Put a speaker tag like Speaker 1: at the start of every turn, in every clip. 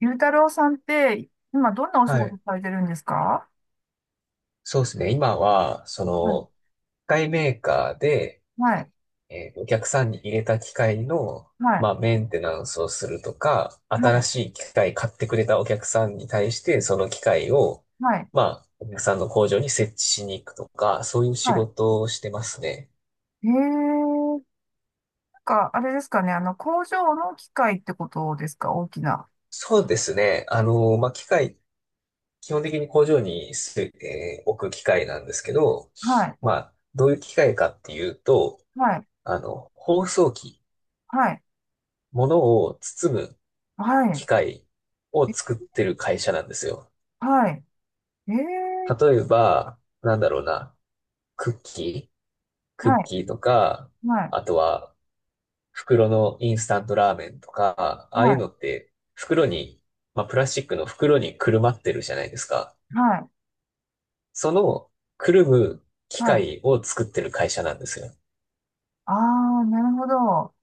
Speaker 1: ゆうたろうさんって、今どんなお仕
Speaker 2: は
Speaker 1: 事
Speaker 2: い。
Speaker 1: されてるんですか？
Speaker 2: そうですね。今は、
Speaker 1: はい、
Speaker 2: 機械メーカーで、
Speaker 1: はい、
Speaker 2: お客さんに入れた機械の、
Speaker 1: は
Speaker 2: ま
Speaker 1: い、
Speaker 2: あ、メンテナンスをするとか、
Speaker 1: は
Speaker 2: 新
Speaker 1: い、
Speaker 2: しい機械買ってくれたお客さんに対して、その機械を、
Speaker 1: はい。
Speaker 2: まあ、お客さんの工場に設置しに行くとか、そういう仕
Speaker 1: は
Speaker 2: 事をしてますね。
Speaker 1: い、へえー、なんか、あれですかね、あの、工場の機械ってことですか、大きな。
Speaker 2: そうですね。あの、まあ、機械、基本的に工場にす、えー置く機械なんですけど、
Speaker 1: はい、
Speaker 2: まあ、どういう機械かっていうと、
Speaker 1: はい、
Speaker 2: あの、包装機、
Speaker 1: はい、
Speaker 2: 物を包む
Speaker 1: は
Speaker 2: 機
Speaker 1: い、
Speaker 2: 械を
Speaker 1: え、
Speaker 2: 作ってる会社なんですよ。
Speaker 1: はい、えー、
Speaker 2: 例えば、なんだろうな、クッキー、クッ
Speaker 1: はい、
Speaker 2: キーとか、
Speaker 1: はい、
Speaker 2: あとは袋のインスタントラーメンとか、ああ
Speaker 1: は
Speaker 2: いう
Speaker 1: い、
Speaker 2: のって袋に、まあ、プラスチックの袋にくるまってるじゃないですか。
Speaker 1: はい、
Speaker 2: そのくるむ機
Speaker 1: はい。
Speaker 2: 械を作ってる会社なんですよ。
Speaker 1: ああ、なるほど。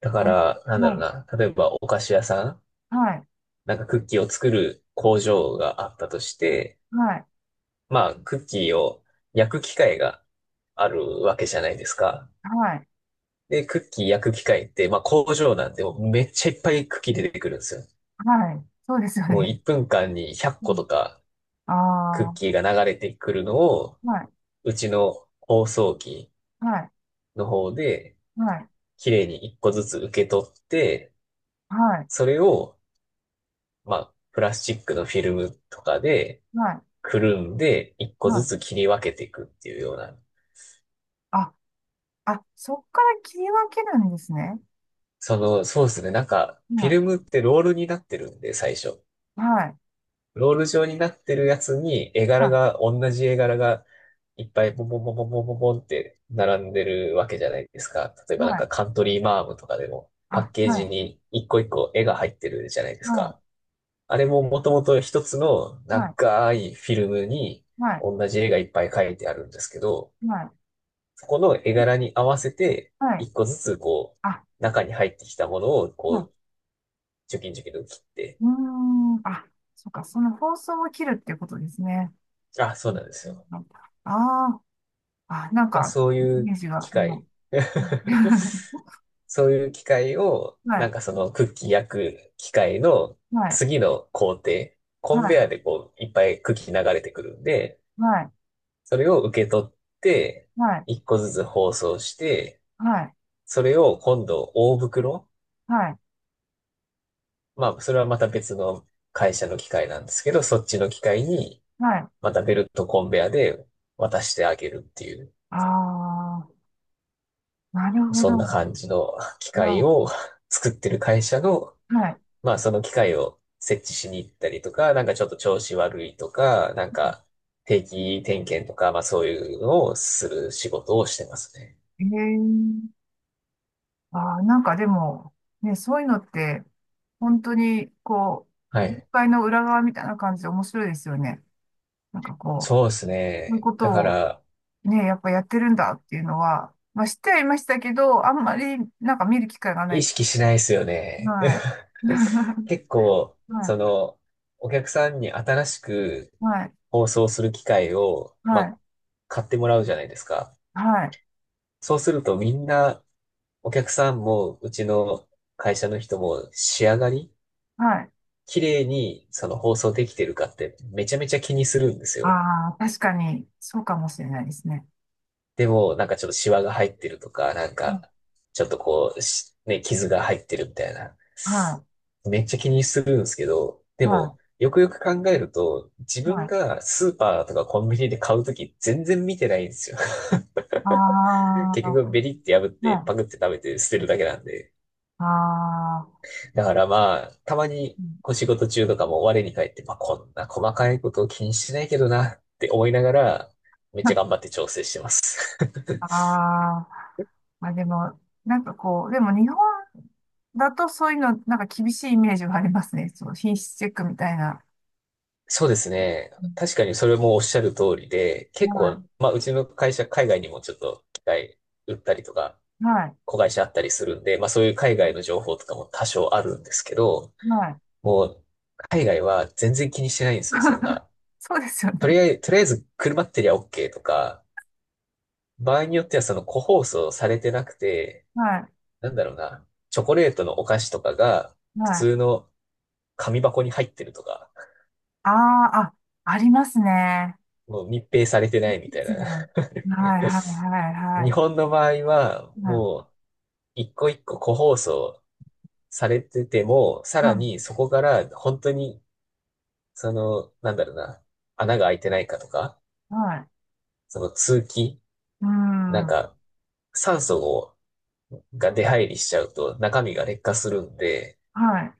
Speaker 2: だか
Speaker 1: あ、
Speaker 2: ら、なんだろう
Speaker 1: も
Speaker 2: な、例えばお菓子屋さん、
Speaker 1: う、はい、
Speaker 2: なんかクッキーを作る工場があったとして、
Speaker 1: はい、
Speaker 2: まあ、クッキーを焼く機械があるわけじゃないですか。
Speaker 1: はい、
Speaker 2: で、クッキー焼く機械って、まあ工場なんで、もうめっちゃいっぱいクッキー出てくるんですよ。
Speaker 1: はい。そうですよ
Speaker 2: もう
Speaker 1: ね。
Speaker 2: 1分間に100
Speaker 1: う
Speaker 2: 個とかク
Speaker 1: ん、あ
Speaker 2: ッ
Speaker 1: あ、
Speaker 2: キーが流れてくるのを、
Speaker 1: はい、
Speaker 2: うちの包装機
Speaker 1: はい、
Speaker 2: の方で、
Speaker 1: はい、
Speaker 2: 綺麗に1個ずつ受け取って、
Speaker 1: はい。
Speaker 2: それを、まあ、プラスチックのフィルムとかで、
Speaker 1: はい、
Speaker 2: くるんで、1個
Speaker 1: は
Speaker 2: ず
Speaker 1: い。
Speaker 2: つ切り分けていくっていうような。
Speaker 1: あ、あ、そっから切り分けるんですね。
Speaker 2: そうですね。なんか、フィ
Speaker 1: は
Speaker 2: ルムってロールになってるんで、最初。
Speaker 1: い。はい。
Speaker 2: ロール状になってるやつに、絵柄
Speaker 1: は
Speaker 2: が、同じ絵柄が、いっぱいボンボンボンボンボンボンボンって並んでるわけじゃないですか。例え
Speaker 1: い。
Speaker 2: ばなん
Speaker 1: は
Speaker 2: か
Speaker 1: い。
Speaker 2: カントリーマームとかでも、パ
Speaker 1: あ、
Speaker 2: ッケージ
Speaker 1: は
Speaker 2: に一個一個絵が入ってるじゃないで
Speaker 1: い。
Speaker 2: す
Speaker 1: は
Speaker 2: か。あれももともと一つの
Speaker 1: い。
Speaker 2: 長いフィルムに
Speaker 1: はい。
Speaker 2: 同じ絵がいっぱい描いてあるんですけど、
Speaker 1: はい。はい。
Speaker 2: そこの絵柄に合わせて、
Speaker 1: はい。
Speaker 2: 一個ずつこ
Speaker 1: あ、
Speaker 2: う、中に入ってきたものを
Speaker 1: は
Speaker 2: こう、
Speaker 1: い。
Speaker 2: チョキンチョキンと切って、
Speaker 1: うーん。あ、そっか。その放送を切るっていうことですね。
Speaker 2: あ、そうなんですよ。
Speaker 1: ああー、あ、なん
Speaker 2: まあ
Speaker 1: か、
Speaker 2: そう
Speaker 1: イ
Speaker 2: い
Speaker 1: メー
Speaker 2: う
Speaker 1: ジが
Speaker 2: 機
Speaker 1: 今。は
Speaker 2: 械
Speaker 1: い。
Speaker 2: そういう機械を、なんかそのクッキー焼く機械の
Speaker 1: はい。
Speaker 2: 次の工程、
Speaker 1: は
Speaker 2: コンベ
Speaker 1: い。
Speaker 2: アでこういっぱいクッキー流れてくるんで、
Speaker 1: はい。
Speaker 2: それを受け取って、
Speaker 1: はい。
Speaker 2: 一個ずつ包装して、
Speaker 1: はい。
Speaker 2: それを今度大袋、
Speaker 1: はい。はい。
Speaker 2: まあそれはまた別の会社の機械なんですけど、そっちの機械に
Speaker 1: はい。
Speaker 2: またベルトコンベアで渡してあげるっていう、
Speaker 1: ああ、なるほ
Speaker 2: そんな
Speaker 1: ど。
Speaker 2: 感じの機械
Speaker 1: な、
Speaker 2: を 作ってる会社の
Speaker 1: は
Speaker 2: まあその機械を設置しに行ったりとか、なんかちょっと調子悪いとか、なんか定期点検とか、まあそういうのをする仕事をしてますね。
Speaker 1: い。ええ、ああ、なんかでも、ね、そういうのって、本当に、こ
Speaker 2: は
Speaker 1: う、業
Speaker 2: い。
Speaker 1: 界の裏側みたいな感じで面白いですよね。なんかこう、
Speaker 2: そうです
Speaker 1: そういう
Speaker 2: ね。
Speaker 1: こ
Speaker 2: だ
Speaker 1: と
Speaker 2: か
Speaker 1: を
Speaker 2: ら、
Speaker 1: ね、やっぱやってるんだっていうのは、まあ知ってはいましたけど、あんまりなんか見る機会がな
Speaker 2: 意
Speaker 1: い。
Speaker 2: 識しないですよね。
Speaker 1: はい。
Speaker 2: 結構、
Speaker 1: はい。
Speaker 2: お客さんに新しく
Speaker 1: はい。
Speaker 2: 放送する機会を、ま
Speaker 1: は
Speaker 2: あ、
Speaker 1: い。
Speaker 2: 買ってもらうじゃないですか。
Speaker 1: はい。
Speaker 2: そうするとみんな、お客さんも、うちの会社の人も仕上がり
Speaker 1: はい。
Speaker 2: 綺麗にその放送できてるかってめちゃめちゃ気にするんですよ。
Speaker 1: ああ、確かに、そうかもしれないですね。
Speaker 2: でも、なんかちょっとシワが入ってるとか、なん
Speaker 1: は
Speaker 2: か、
Speaker 1: い。
Speaker 2: ちょっとこう、傷が入ってるみたいな。めっちゃ気にするんですけど、で
Speaker 1: は
Speaker 2: も、よくよく考えると、自
Speaker 1: い。は
Speaker 2: 分
Speaker 1: い。
Speaker 2: がスーパーとかコンビニで買うとき全然見てないんですよ。
Speaker 1: あ
Speaker 2: 結
Speaker 1: あ、
Speaker 2: 局ベリって破って
Speaker 1: は
Speaker 2: パク
Speaker 1: い。
Speaker 2: って食べて捨てるだけなんで。
Speaker 1: ああ。
Speaker 2: だからまあ、たまに
Speaker 1: うん、
Speaker 2: お仕事中とかも我に返って、まあこんな細かいことを気にしてないけどなって思いながら、めっちゃ頑 張って調整してます。
Speaker 1: ああ、まあでも、なんかこう、でも日本だとそういうの、なんか厳しいイメージがありますね。そう、品質チェックみたいな。
Speaker 2: そうですね。
Speaker 1: うん、
Speaker 2: 確かにそれもおっしゃる通りで、結構、
Speaker 1: は
Speaker 2: まあうちの会社海外にもちょっと機械売ったりとか、
Speaker 1: い、はい、
Speaker 2: 子会社あったりするんで、まあそういう海外の情報とかも多少あるんですけど、
Speaker 1: はい。
Speaker 2: もう海外は全然気にしてないんですよ、そん な。
Speaker 1: そうですよね。
Speaker 2: とりあえず車ってりゃ OK とか、場合によってはその個包装されてなくて、
Speaker 1: はい、
Speaker 2: なんだろうな、チョコレートのお菓子とかが、普
Speaker 1: は
Speaker 2: 通
Speaker 1: い。
Speaker 2: の紙箱に入ってるとか、
Speaker 1: ああ、あ、ありますね。
Speaker 2: もう密閉されてな
Speaker 1: で
Speaker 2: いみたい
Speaker 1: すね、
Speaker 2: な。
Speaker 1: はい、はい、はい、は
Speaker 2: 日
Speaker 1: い。
Speaker 2: 本の場合は、
Speaker 1: はい、
Speaker 2: もう、一個一個個包装されてても、さ
Speaker 1: は
Speaker 2: ら
Speaker 1: い。
Speaker 2: にそこから本当に、その、なんだろうな、穴が開いてないかとか、
Speaker 1: はい、
Speaker 2: その通気、
Speaker 1: うー
Speaker 2: なん
Speaker 1: ん、
Speaker 2: か、酸素をが出入りしちゃうと中身が劣化するんで、
Speaker 1: はい、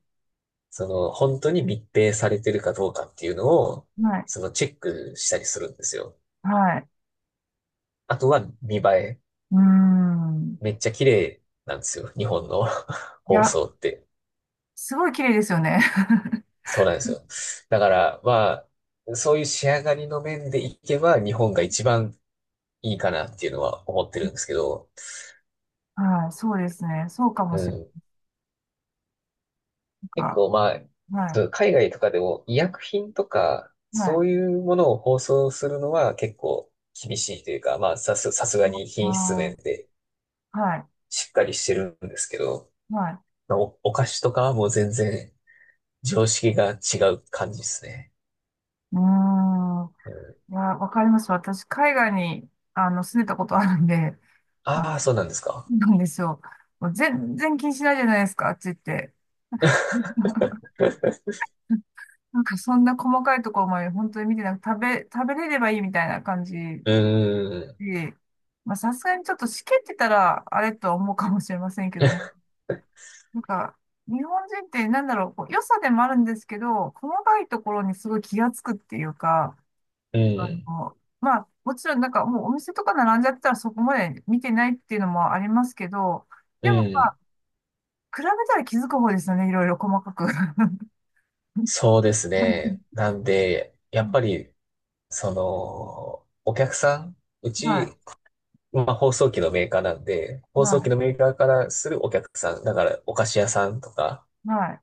Speaker 2: その、本当に密閉されてるかどうかっていうのを、
Speaker 1: はい、
Speaker 2: そのチェックしたりするんですよ。
Speaker 1: はい。
Speaker 2: あとは見栄え。
Speaker 1: うーん。
Speaker 2: めっちゃ綺麗なんですよ。日本の
Speaker 1: い
Speaker 2: 放
Speaker 1: や、
Speaker 2: 送って。
Speaker 1: すごい綺麗ですよね。
Speaker 2: そうなんですよ。だから、まあ、そういう仕上がりの面でいけば日本が一番いいかなっていうのは思ってるんですけど、
Speaker 1: はい、そうですね。そうか
Speaker 2: う
Speaker 1: もしれ
Speaker 2: ん。結
Speaker 1: ない。
Speaker 2: 構まあ、
Speaker 1: は
Speaker 2: そ
Speaker 1: い、
Speaker 2: う海外とかでも医薬品とか、
Speaker 1: は
Speaker 2: そ
Speaker 1: い、
Speaker 2: ういうものを放送するのは結構厳しいというか、まあ、さすがに品質面
Speaker 1: あ
Speaker 2: で
Speaker 1: あ、はい、
Speaker 2: しっかりしてるんですけど、
Speaker 1: はい。
Speaker 2: お菓子とかはもう全然常識が違う感じですね。
Speaker 1: うーん。いや、わかります。私、海外に、あの、住んでたことあるんで、あ、
Speaker 2: ああー、そうなんですか。
Speaker 1: そうなんですよ。もう全然気にしないじゃないですか、あっち行って。なんか、そんな細かいところまで本当に見てなく、食べれればいいみたいな感じ
Speaker 2: うーん。
Speaker 1: で、まあ、さすがにちょっとしけってたら、あれとは思うかもしれませんけども、なんか、日本人ってなんだろう、こう良さでもあるんですけど、細かいところにすごい気がつくっていうか、
Speaker 2: うん。
Speaker 1: もうまあ、もちろんなんかもうお店とか並んじゃったらそこまで見てないっていうのもありますけど、
Speaker 2: う
Speaker 1: でもま
Speaker 2: ん。
Speaker 1: あ、比べたら気づく方ですよね、いろいろ細かく。
Speaker 2: そうですね。なんで、やっぱり、その、お客さん、う
Speaker 1: はい、
Speaker 2: ち、まあ、放送機のメーカーなんで、放送
Speaker 1: は
Speaker 2: 機
Speaker 1: い、
Speaker 2: のメーカーからするお客さん、だから、お菓子屋さんとか、
Speaker 1: はい、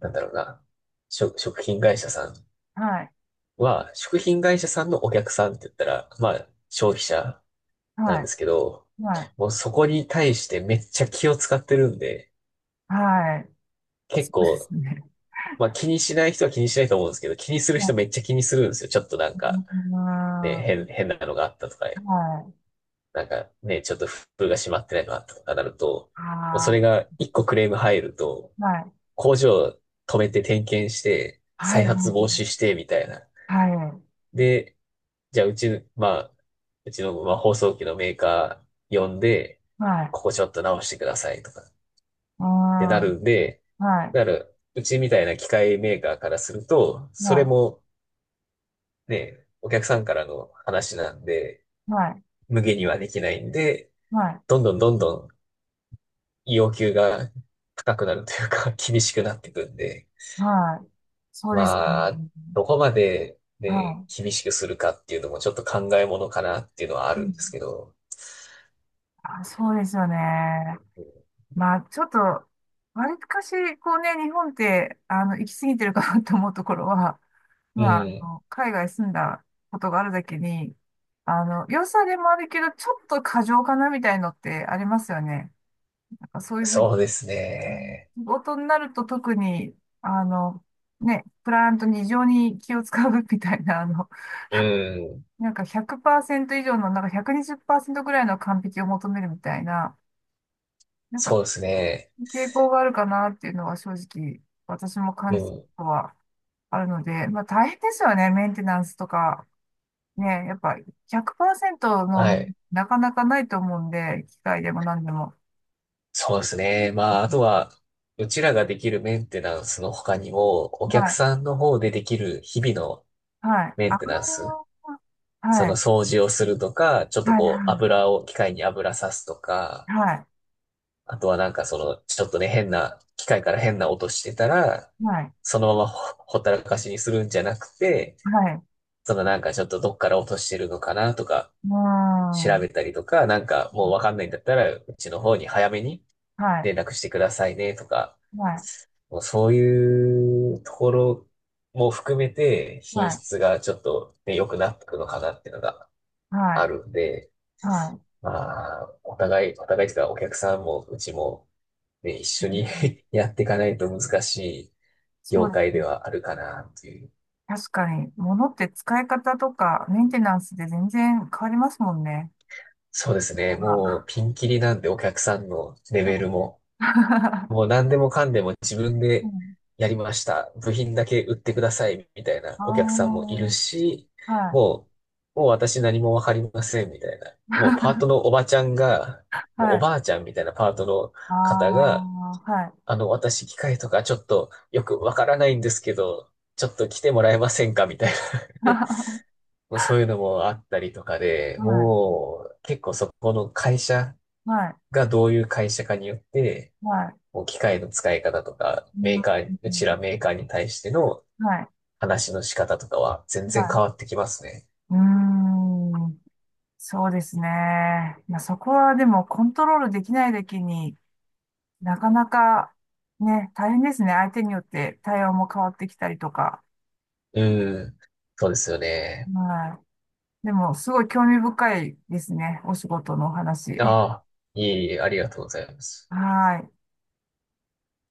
Speaker 2: なんだろうな、食品会社さん
Speaker 1: はい、
Speaker 2: は、食品会社さんのお客さんって言ったら、まあ、消費者な
Speaker 1: は
Speaker 2: んで
Speaker 1: い、
Speaker 2: すけど、
Speaker 1: はい、
Speaker 2: もうそこに対してめっちゃ気を使ってるんで、
Speaker 1: はい、はい、
Speaker 2: 結
Speaker 1: そうです
Speaker 2: 構、
Speaker 1: ね。
Speaker 2: まあ気にしない人は気にしないと思うんですけど、気にする人め
Speaker 1: は
Speaker 2: っちゃ気にするんですよ。ちょっとなん
Speaker 1: い、う
Speaker 2: か、
Speaker 1: ーん、
Speaker 2: ね、
Speaker 1: は
Speaker 2: 変なのがあったとか、
Speaker 1: い、
Speaker 2: なんかね、ちょっと封が閉まってないのがあったとかなると、もうそれ
Speaker 1: あ
Speaker 2: が一個クレーム入ると、
Speaker 1: ー、はい、
Speaker 2: 工場止めて点検して、
Speaker 1: はい、
Speaker 2: 再
Speaker 1: は
Speaker 2: 発防止して、みたいな。
Speaker 1: い、
Speaker 2: で、じゃあうち、まあ、うちの、まあ、放送機のメーカー呼んで、
Speaker 1: はい、
Speaker 2: ここちょっと直してくださいとかっ
Speaker 1: うー
Speaker 2: て
Speaker 1: ん、
Speaker 2: なるんで、
Speaker 1: はい、
Speaker 2: うちみたいな機械メーカーからすると、
Speaker 1: は
Speaker 2: それ
Speaker 1: い、
Speaker 2: もね、お客さんからの話なんで、
Speaker 1: はい、
Speaker 2: 無限にはできないんで、
Speaker 1: はい、
Speaker 2: どんどんどんどん要求が高くなるというか、厳しくなっていくんで、
Speaker 1: はい、そうですね。
Speaker 2: まあ、どこまで
Speaker 1: は
Speaker 2: ね、
Speaker 1: い。
Speaker 2: 厳しくするかっていうのもちょっと考えものかなっていうのはあ
Speaker 1: う
Speaker 2: るん
Speaker 1: ん、
Speaker 2: ですけど、
Speaker 1: あ、そうですよね。まあ、ちょっと、わりかし、こうね、日本って、あの、行き過ぎてるかなと思うところは、
Speaker 2: う
Speaker 1: まあ、あ
Speaker 2: ん、
Speaker 1: の、海外住んだことがあるだけに、あの、良さでもあるけど、ちょっと過剰かなみたいのってありますよね。なんかそういうふうに、
Speaker 2: そうです
Speaker 1: うん、
Speaker 2: ね。
Speaker 1: 仕事になると特に、あの、ね、クライアントに異常に気を使うみたいな、あの、
Speaker 2: うん、
Speaker 1: なんか100%以上の、なんか120%ぐらいの完璧を求めるみたいな、なんか
Speaker 2: そうですね。
Speaker 1: 傾向があるかなっていうのは正直私も
Speaker 2: う
Speaker 1: 感じた
Speaker 2: ん、
Speaker 1: ことはあるので、まあ大変ですよね、メンテナンスとか。ね、やっぱ100%の
Speaker 2: は
Speaker 1: もの
Speaker 2: い。
Speaker 1: なかなかないと思うんで、機械でも何でも。
Speaker 2: そうですね。まあ、あとは、うちらができるメンテナンスの他にも、お
Speaker 1: は
Speaker 2: 客
Speaker 1: い、
Speaker 2: さんの方でできる日々の
Speaker 1: はい、
Speaker 2: メ
Speaker 1: あ
Speaker 2: ンテナンス。
Speaker 1: のー
Speaker 2: そ
Speaker 1: は
Speaker 2: の
Speaker 1: い、
Speaker 2: 掃除をするとか、ちょっと
Speaker 1: はい、
Speaker 2: こう
Speaker 1: は
Speaker 2: 油を、機械に油さすと
Speaker 1: い、
Speaker 2: か、
Speaker 1: はい、
Speaker 2: あとはなんかその、ちょっとね、機械から変な音してたら、
Speaker 1: はい、
Speaker 2: そのままほったらかしにするんじゃなくて、
Speaker 1: はい、
Speaker 2: そのなんかちょっとどっから落としてるのかなとか、
Speaker 1: うー
Speaker 2: 調べ
Speaker 1: ん、
Speaker 2: たりとか、なんかもうわかんないんだったら、うちの方に早めに
Speaker 1: はい、
Speaker 2: 連絡してくださいねとか、
Speaker 1: はい、
Speaker 2: もうそういうところも含めて
Speaker 1: は
Speaker 2: 品
Speaker 1: い、
Speaker 2: 質がちょっとね、良くなってくのかなっていうのが
Speaker 1: は
Speaker 2: あ
Speaker 1: い、
Speaker 2: るんで、
Speaker 1: はい。
Speaker 2: まあ、お互いというか、お客さんも、うちも、ね、一
Speaker 1: う
Speaker 2: 緒に
Speaker 1: ん、
Speaker 2: やっていかないと難しい
Speaker 1: そ
Speaker 2: 業
Speaker 1: うで
Speaker 2: 界
Speaker 1: すね。
Speaker 2: ではあるかな、という。
Speaker 1: 確かに、物って使い方とかメンテナンスで全然変わりますもんね。
Speaker 2: そうですね。もう、ピンキリなんで、お客さんのレ
Speaker 1: あ、
Speaker 2: ベルも。もう、何でもかんでも自分
Speaker 1: う
Speaker 2: で
Speaker 1: ん。
Speaker 2: やりました。部品だけ売ってください、みたいなお客さんも
Speaker 1: あ
Speaker 2: いるし、
Speaker 1: あ、はい。
Speaker 2: ももう私何もわかりません、みたいな。もう、パートの おばちゃんが、もう
Speaker 1: は
Speaker 2: お
Speaker 1: い。
Speaker 2: ばあちゃんみたいなパートの
Speaker 1: あ
Speaker 2: 方が、
Speaker 1: あ、はい。
Speaker 2: あの、私、機械とかちょっとよくわからないんですけど、ちょっと来てもらえませんかみたいな。もうそういうのもあったりとかで、
Speaker 1: はい。
Speaker 2: もう結構そこの会社
Speaker 1: はい。
Speaker 2: がどういう会社かによって、
Speaker 1: はい。
Speaker 2: もう機械の使い方とか、
Speaker 1: う
Speaker 2: メーカ
Speaker 1: ん。
Speaker 2: ー、うちらメーカーに対しての
Speaker 1: はい。
Speaker 2: 話の仕方とかは全
Speaker 1: は
Speaker 2: 然変
Speaker 1: い。
Speaker 2: わってきますね。
Speaker 1: うーん。そうですね。いや、そこはでもコントロールできないだけに、なかなかね、大変ですね。相手によって対応も変わってきたりとか。
Speaker 2: うん。そうですよね。
Speaker 1: はい。でも、すごい興味深いですね。お仕事のお話。
Speaker 2: ああ、いえいえ、ありがとうございます。
Speaker 1: はい。